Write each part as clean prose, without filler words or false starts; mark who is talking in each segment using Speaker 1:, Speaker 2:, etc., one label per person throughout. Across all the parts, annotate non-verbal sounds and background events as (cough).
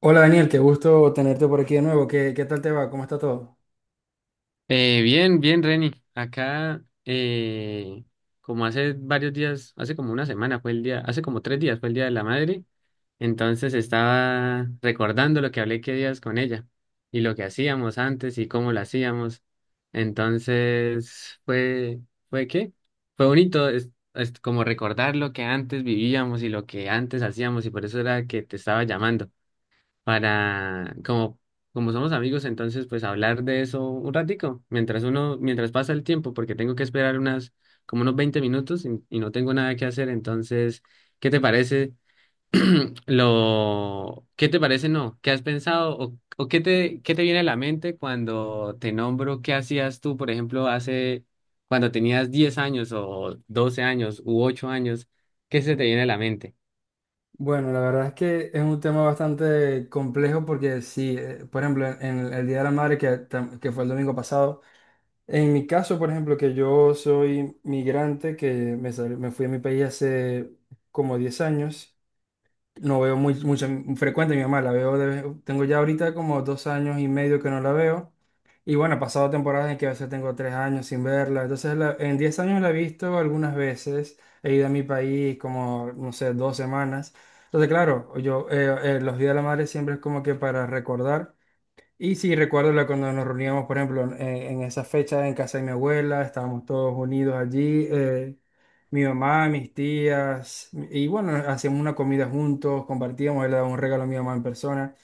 Speaker 1: Hola Daniel, qué gusto tenerte por aquí de nuevo. ¿Qué tal te va? ¿Cómo está todo?
Speaker 2: Bien, bien, Reni. Acá, como hace varios días, hace como una semana hace como tres días fue el Día de la Madre, entonces estaba recordando lo que hablé que días con ella y lo que hacíamos antes y cómo lo hacíamos. Entonces, ¿fue qué? Fue bonito, es como recordar lo que antes vivíamos y lo que antes hacíamos y por eso era que te estaba llamando para, como somos amigos, entonces pues hablar de eso un ratico, mientras pasa el tiempo, porque tengo que esperar como unos 20 minutos y no tengo nada que hacer, entonces, ¿qué te parece (clears throat) qué te parece no? ¿Qué has pensado o qué te viene a la mente cuando te nombro qué hacías tú, por ejemplo, cuando tenías 10 años o 12 años u 8 años, ¿qué se te viene a la mente?
Speaker 1: Bueno, la verdad es que es un tema bastante complejo porque sí, por ejemplo, en el Día de la Madre que fue el domingo pasado, en mi caso, por ejemplo, que yo soy migrante, que me fui a mi país hace como 10 años. No veo mucho, frecuente a mi mamá, la veo, tengo ya ahorita como 2 años y medio que no la veo. Y bueno, he pasado temporadas en que a veces tengo 3 años sin verla. Entonces, en 10 años la he visto algunas veces. He ido a mi país como, no sé, 2 semanas. Entonces, claro, los Días de la Madre siempre es como que para recordar. Y sí, recuerdo cuando nos reuníamos, por ejemplo, en esa fecha en casa de mi abuela, estábamos todos unidos allí, mi mamá, mis tías, y bueno, hacíamos una comida juntos, compartíamos, él le daba un regalo a mi mamá en persona.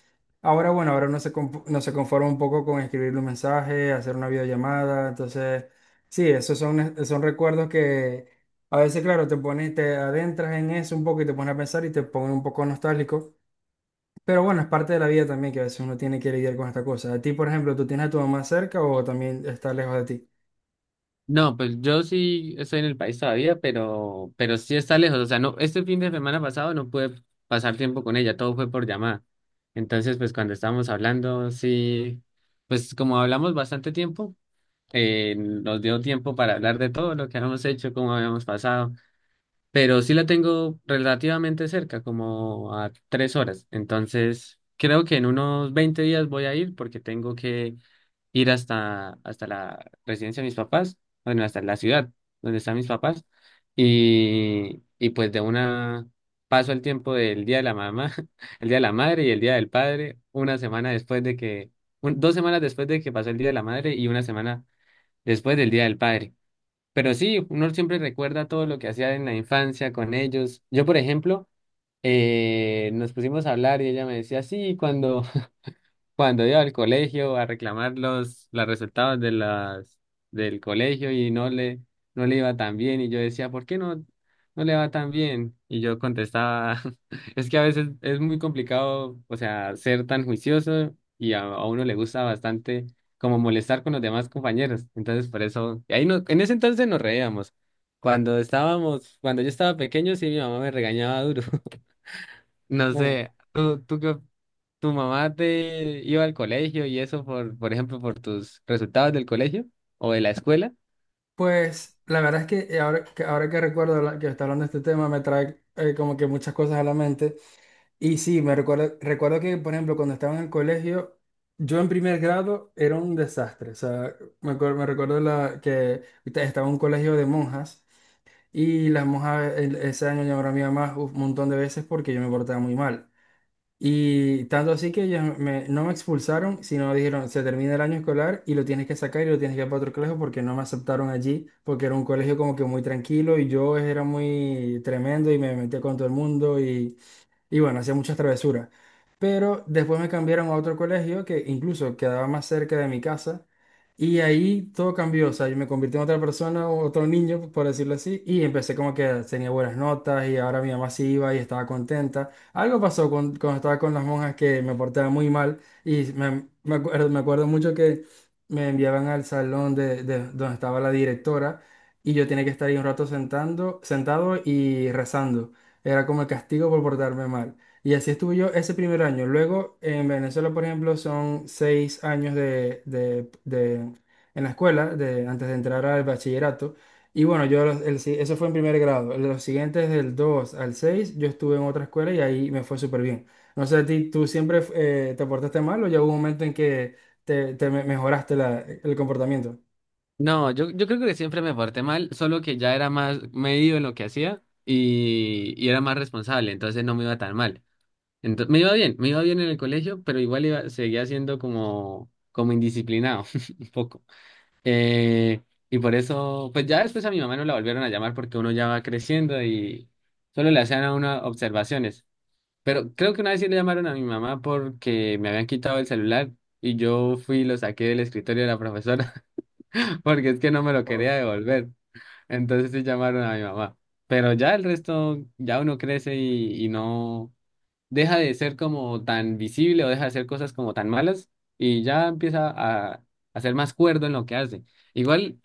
Speaker 1: Ahora, bueno, ahora no se conforma un poco con escribirle un mensaje, hacer una videollamada. Entonces, sí, esos son recuerdos que a veces, claro, te adentras en eso un poco y te pones a pensar y te pones un poco nostálgico. Pero bueno, es parte de la vida también que a veces uno tiene que lidiar con esta cosa. A ti, por ejemplo, ¿tú tienes a tu mamá cerca o también está lejos de ti?
Speaker 2: No, pues yo sí estoy en el país todavía, pero sí está lejos. O sea, no, este fin de semana pasado no pude pasar tiempo con ella, todo fue por llamada. Entonces, pues cuando estábamos hablando, sí, pues como hablamos bastante tiempo, nos dio tiempo para hablar de todo lo que habíamos hecho, cómo habíamos pasado. Pero sí la tengo relativamente cerca, como a 3 horas. Entonces, creo que en unos 20 días voy a ir porque tengo que ir hasta la residencia de mis papás, bueno, hasta la ciudad donde están mis papás, y pues de una paso el tiempo del día de la mamá, (laughs) el día de la madre y el día del padre, una semana después de que, un- 2 semanas después de que pasó el día de la madre y una semana después del día del padre. Pero sí, uno siempre recuerda todo lo que hacía en la infancia con ellos. Yo, por ejemplo, nos pusimos a hablar y ella me decía, sí, cuando iba al colegio a reclamar los resultados del colegio y no le iba tan bien, y yo decía, ¿por qué no le va tan bien? Y yo contestaba, (laughs) es que a veces es muy complicado, o sea, ser tan juicioso y a uno le gusta bastante como molestar con los demás compañeros. Entonces, por eso, y ahí no, en ese entonces nos reíamos. Cuando yo estaba pequeño, sí, mi mamá me regañaba duro. No
Speaker 1: Mm.
Speaker 2: sé, tú que tu mamá te iba al colegio y eso por ejemplo, por tus resultados del colegio o de la escuela.
Speaker 1: Pues la verdad es que ahora que recuerdo que está hablando de este tema me trae como que muchas cosas a la mente. Y sí, recuerdo que, por ejemplo, cuando estaba en el colegio, yo en primer grado era un desastre. O sea, me recuerdo que estaba en un colegio de monjas y las monjas ese año llamaron a mi mamá un montón de veces porque yo me portaba muy mal. Y tanto así que ellos no me expulsaron, sino dijeron, se termina el año escolar y lo tienes que sacar y lo tienes que ir para otro colegio porque no me aceptaron allí, porque era un colegio como que muy tranquilo y yo era muy tremendo y me metía con todo el mundo y bueno, hacía muchas travesuras. Pero después me cambiaron a otro colegio que incluso quedaba más cerca de mi casa. Y ahí todo cambió. O sea, yo me convertí en otra persona, otro niño, por decirlo así. Y empecé como que tenía buenas notas y ahora mi mamá sí iba y estaba contenta. Algo pasó cuando estaba con las monjas que me portaba muy mal. Y me acuerdo mucho que me enviaban al salón de donde estaba la directora. Y yo tenía que estar ahí un rato sentado y rezando. Era como el castigo por portarme mal. Y así estuve yo ese primer año. Luego, en Venezuela, por ejemplo, son 6 años en la escuela, antes de entrar al bachillerato. Y bueno, yo los- el si- eso fue en primer grado. Los siguientes, del 2 al 6 yo estuve en otra escuela y ahí me fue súper bien. No sé, a ti, ¿tú siempre te portaste mal o ya hubo un momento en que mejoraste el comportamiento?
Speaker 2: No, yo, creo que siempre me porté mal, solo que ya era más medido en lo que hacía y era más responsable, entonces no me iba tan mal. Entonces, me iba bien en el colegio, pero igual iba, seguía siendo como indisciplinado, (laughs) un poco. Eh, y por eso, pues ya después a mi mamá no la volvieron a llamar porque uno ya va creciendo y solo le hacían a uno observaciones. Pero creo que una vez sí le llamaron a mi mamá porque me habían quitado el celular y yo fui y lo saqué del escritorio de la profesora (laughs) porque es que no me lo quería devolver. Entonces sí llamaron a mi mamá. Pero ya el resto, ya uno crece y no deja de ser como tan visible o deja de hacer cosas como tan malas y ya empieza a ser más cuerdo en lo que hace. Igual,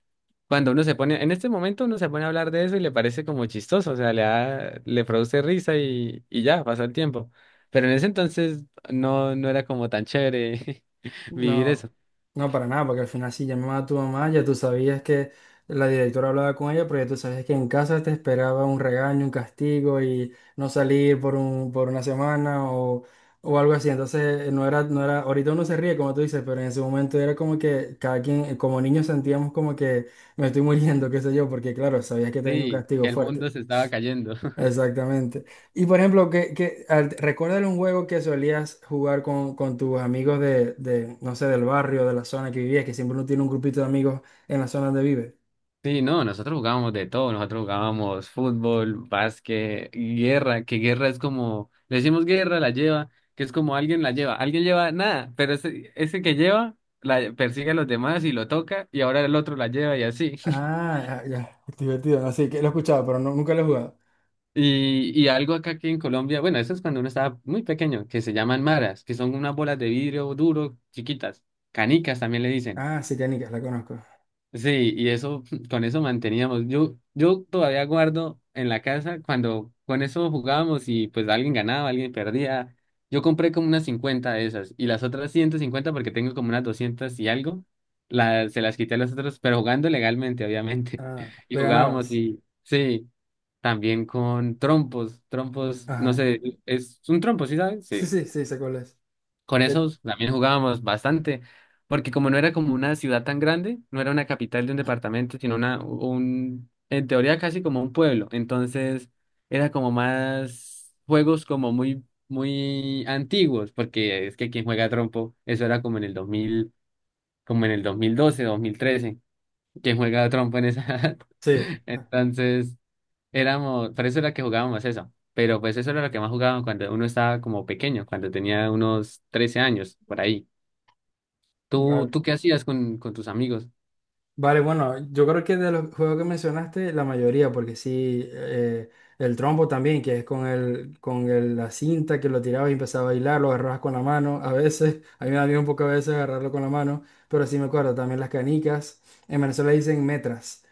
Speaker 2: cuando uno se pone, en este momento uno se pone a hablar de eso y le parece como chistoso, o sea, le produce risa y ya, pasa el tiempo. Pero en ese entonces no era como tan chévere (laughs) vivir
Speaker 1: No,
Speaker 2: eso.
Speaker 1: no para nada, porque al final si llamaba a tu mamá, ya tú sabías que la directora hablaba con ella, pero ya tú sabías que en casa te esperaba un regaño, un castigo y no salir por una semana o algo así. Entonces, no era, ahorita uno se ríe, como tú dices, pero en ese momento era como que cada quien, como niños sentíamos como que me estoy muriendo, (laughs) qué sé yo, porque claro, sabías que te venía un
Speaker 2: Sí,
Speaker 1: castigo
Speaker 2: el
Speaker 1: fuerte.
Speaker 2: mundo se estaba cayendo.
Speaker 1: Exactamente. Y por ejemplo, recuérdale un juego que solías jugar con tus amigos de, no sé, del barrio, de la zona que vivías, que siempre uno tiene un grupito de amigos en la zona donde vive.
Speaker 2: Sí, no, nosotros jugábamos de todo, nosotros jugábamos fútbol, básquet, guerra, que guerra es como, le decimos guerra, la lleva, que es como alguien la lleva, alguien lleva nada, pero ese que lleva la persigue a los demás y lo toca y ahora el otro la lleva y así. (laughs)
Speaker 1: Ah, ah, ya, es divertido. No, sí, que lo he escuchado, pero no, nunca lo he jugado.
Speaker 2: Y, y algo acá que en Colombia, bueno, eso es cuando uno estaba muy pequeño, que se llaman maras, que son unas bolas de vidrio duro, chiquitas, canicas también le dicen.
Speaker 1: Ah, sí, canicas, la conozco.
Speaker 2: Sí, y eso, (laughs) con eso manteníamos. yo todavía guardo en la casa cuando con eso jugábamos y pues alguien ganaba, alguien perdía. Yo compré como unas 50 de esas y las otras 150 porque tengo como unas 200 y algo, la- se las quité a los otros, pero jugando legalmente, obviamente.
Speaker 1: Ah,
Speaker 2: (laughs) Y
Speaker 1: le
Speaker 2: jugábamos
Speaker 1: ganabas.
Speaker 2: y sí, también con trompos, trompos, no
Speaker 1: Ajá.
Speaker 2: sé, es un trompo, ¿sí sabes?
Speaker 1: Sí,
Speaker 2: Sí.
Speaker 1: sí, sí, sé cuál es.
Speaker 2: Con
Speaker 1: Que-
Speaker 2: esos también jugábamos bastante, porque como no era como una ciudad tan grande, no era una capital de un departamento, sino en teoría casi como un pueblo. Entonces era como más juegos como muy, muy antiguos, porque es que quien juega trompo, eso era como en el 2000, como en el 2012, 2013, quien juega trompo en esa edad.
Speaker 1: Sí,
Speaker 2: (laughs)
Speaker 1: ah,
Speaker 2: Entonces por eso era que jugábamos eso. Pero pues eso era lo que más jugaban cuando uno estaba como pequeño, cuando tenía unos 13 años, por ahí. ¿Tú,
Speaker 1: vale.
Speaker 2: tú qué hacías con tus amigos?
Speaker 1: Vale, bueno, yo creo que de los juegos que mencionaste, la mayoría, porque sí, el trompo también, que es la cinta que lo tirabas y empezaba a bailar, lo agarrabas con la mano, a veces, (laughs) a mí me da miedo un poco a veces agarrarlo con la mano, pero sí me acuerdo, también las canicas, en Venezuela dicen metras,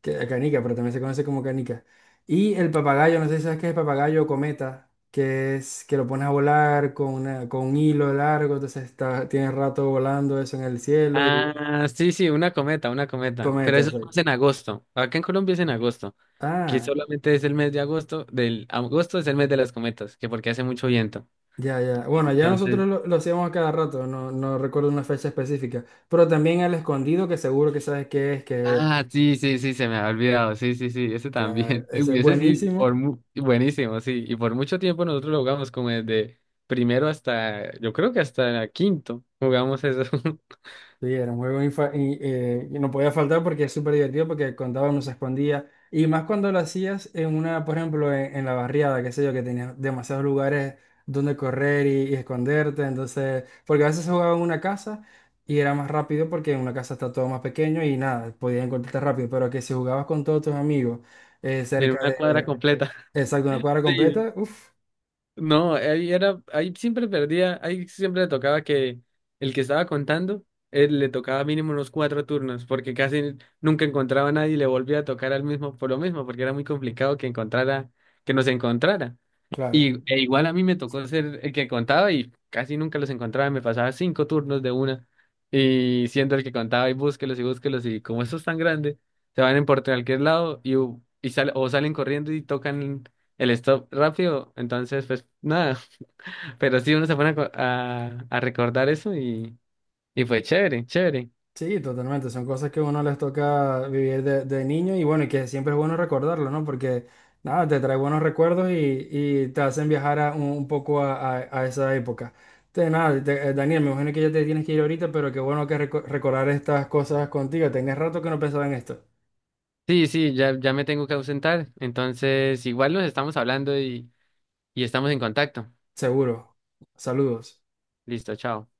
Speaker 1: canica, pero también se conoce como canica. Y el papagayo, no sé si sabes qué es el papagayo o cometa, que es que lo pones a volar con un hilo largo. Entonces tienes rato volando eso en el cielo y
Speaker 2: Ah, sí, sí, una cometa, una cometa. Pero
Speaker 1: cometa.
Speaker 2: eso es más en agosto. Acá en Colombia es en agosto, que
Speaker 1: Ah,
Speaker 2: solamente es el mes de agosto, del agosto es el mes de las cometas, que porque hace mucho viento.
Speaker 1: ya, ya. Bueno, ya nosotros
Speaker 2: Entonces,
Speaker 1: lo hacíamos a cada rato, no no recuerdo una fecha específica, pero también el escondido, que seguro que sabes qué es,
Speaker 2: Ah, sí, sí, sí, se me había olvidado. Sí, sí, sí, ese
Speaker 1: claro,
Speaker 2: también. (laughs)
Speaker 1: ese
Speaker 2: Uy,
Speaker 1: es
Speaker 2: ese sí, por
Speaker 1: buenísimo.
Speaker 2: mu- buenísimo, sí. Y por mucho tiempo nosotros lo jugamos como desde primero hasta, yo creo que hasta quinto, jugamos eso (laughs)
Speaker 1: Sí, era un juego y no podía faltar porque es súper divertido porque contaba uno se escondía. Y más cuando lo hacías por ejemplo, en la barriada, qué sé yo, que tenías demasiados lugares donde correr y esconderte. Entonces, porque a veces se jugaba en una casa y era más rápido porque en una casa está todo más pequeño y nada, podías encontrarte rápido. Pero que si jugabas con todos tus amigos
Speaker 2: en
Speaker 1: cerca
Speaker 2: una cuadra
Speaker 1: de,
Speaker 2: completa. (laughs)
Speaker 1: exacto, una cuadra
Speaker 2: Sí.
Speaker 1: completa, uff,
Speaker 2: No, ahí siempre perdía, ahí siempre le tocaba que el que estaba contando, él le tocaba mínimo unos cuatro turnos, porque casi nunca encontraba a nadie y le volvía a tocar al mismo por lo mismo, porque era muy complicado que nos encontrara.
Speaker 1: claro.
Speaker 2: E igual a mí me tocó ser el que contaba y casi nunca los encontraba, me pasaba cinco turnos de una y siendo el que contaba y búsquelos y búsquelos y como eso es tan grande, se van en por cualquier lado o salen corriendo y tocan el stop rápido, entonces pues nada, (laughs) pero sí uno se pone a, a recordar eso y fue chévere, chévere.
Speaker 1: Sí, totalmente. Son cosas que a uno les toca vivir de niño y bueno, y que siempre es bueno recordarlo, ¿no? Porque nada, te trae buenos recuerdos y te hacen viajar un poco a esa época. Entonces, nada, Daniel, me imagino que ya te tienes que ir ahorita, pero qué bueno que recordar estas cosas contigo. Tenés rato que no pensaba en esto.
Speaker 2: Sí, sí, ya, ya me tengo que ausentar, entonces igual nos estamos hablando y estamos en contacto.
Speaker 1: Seguro. Saludos.
Speaker 2: Listo, chao.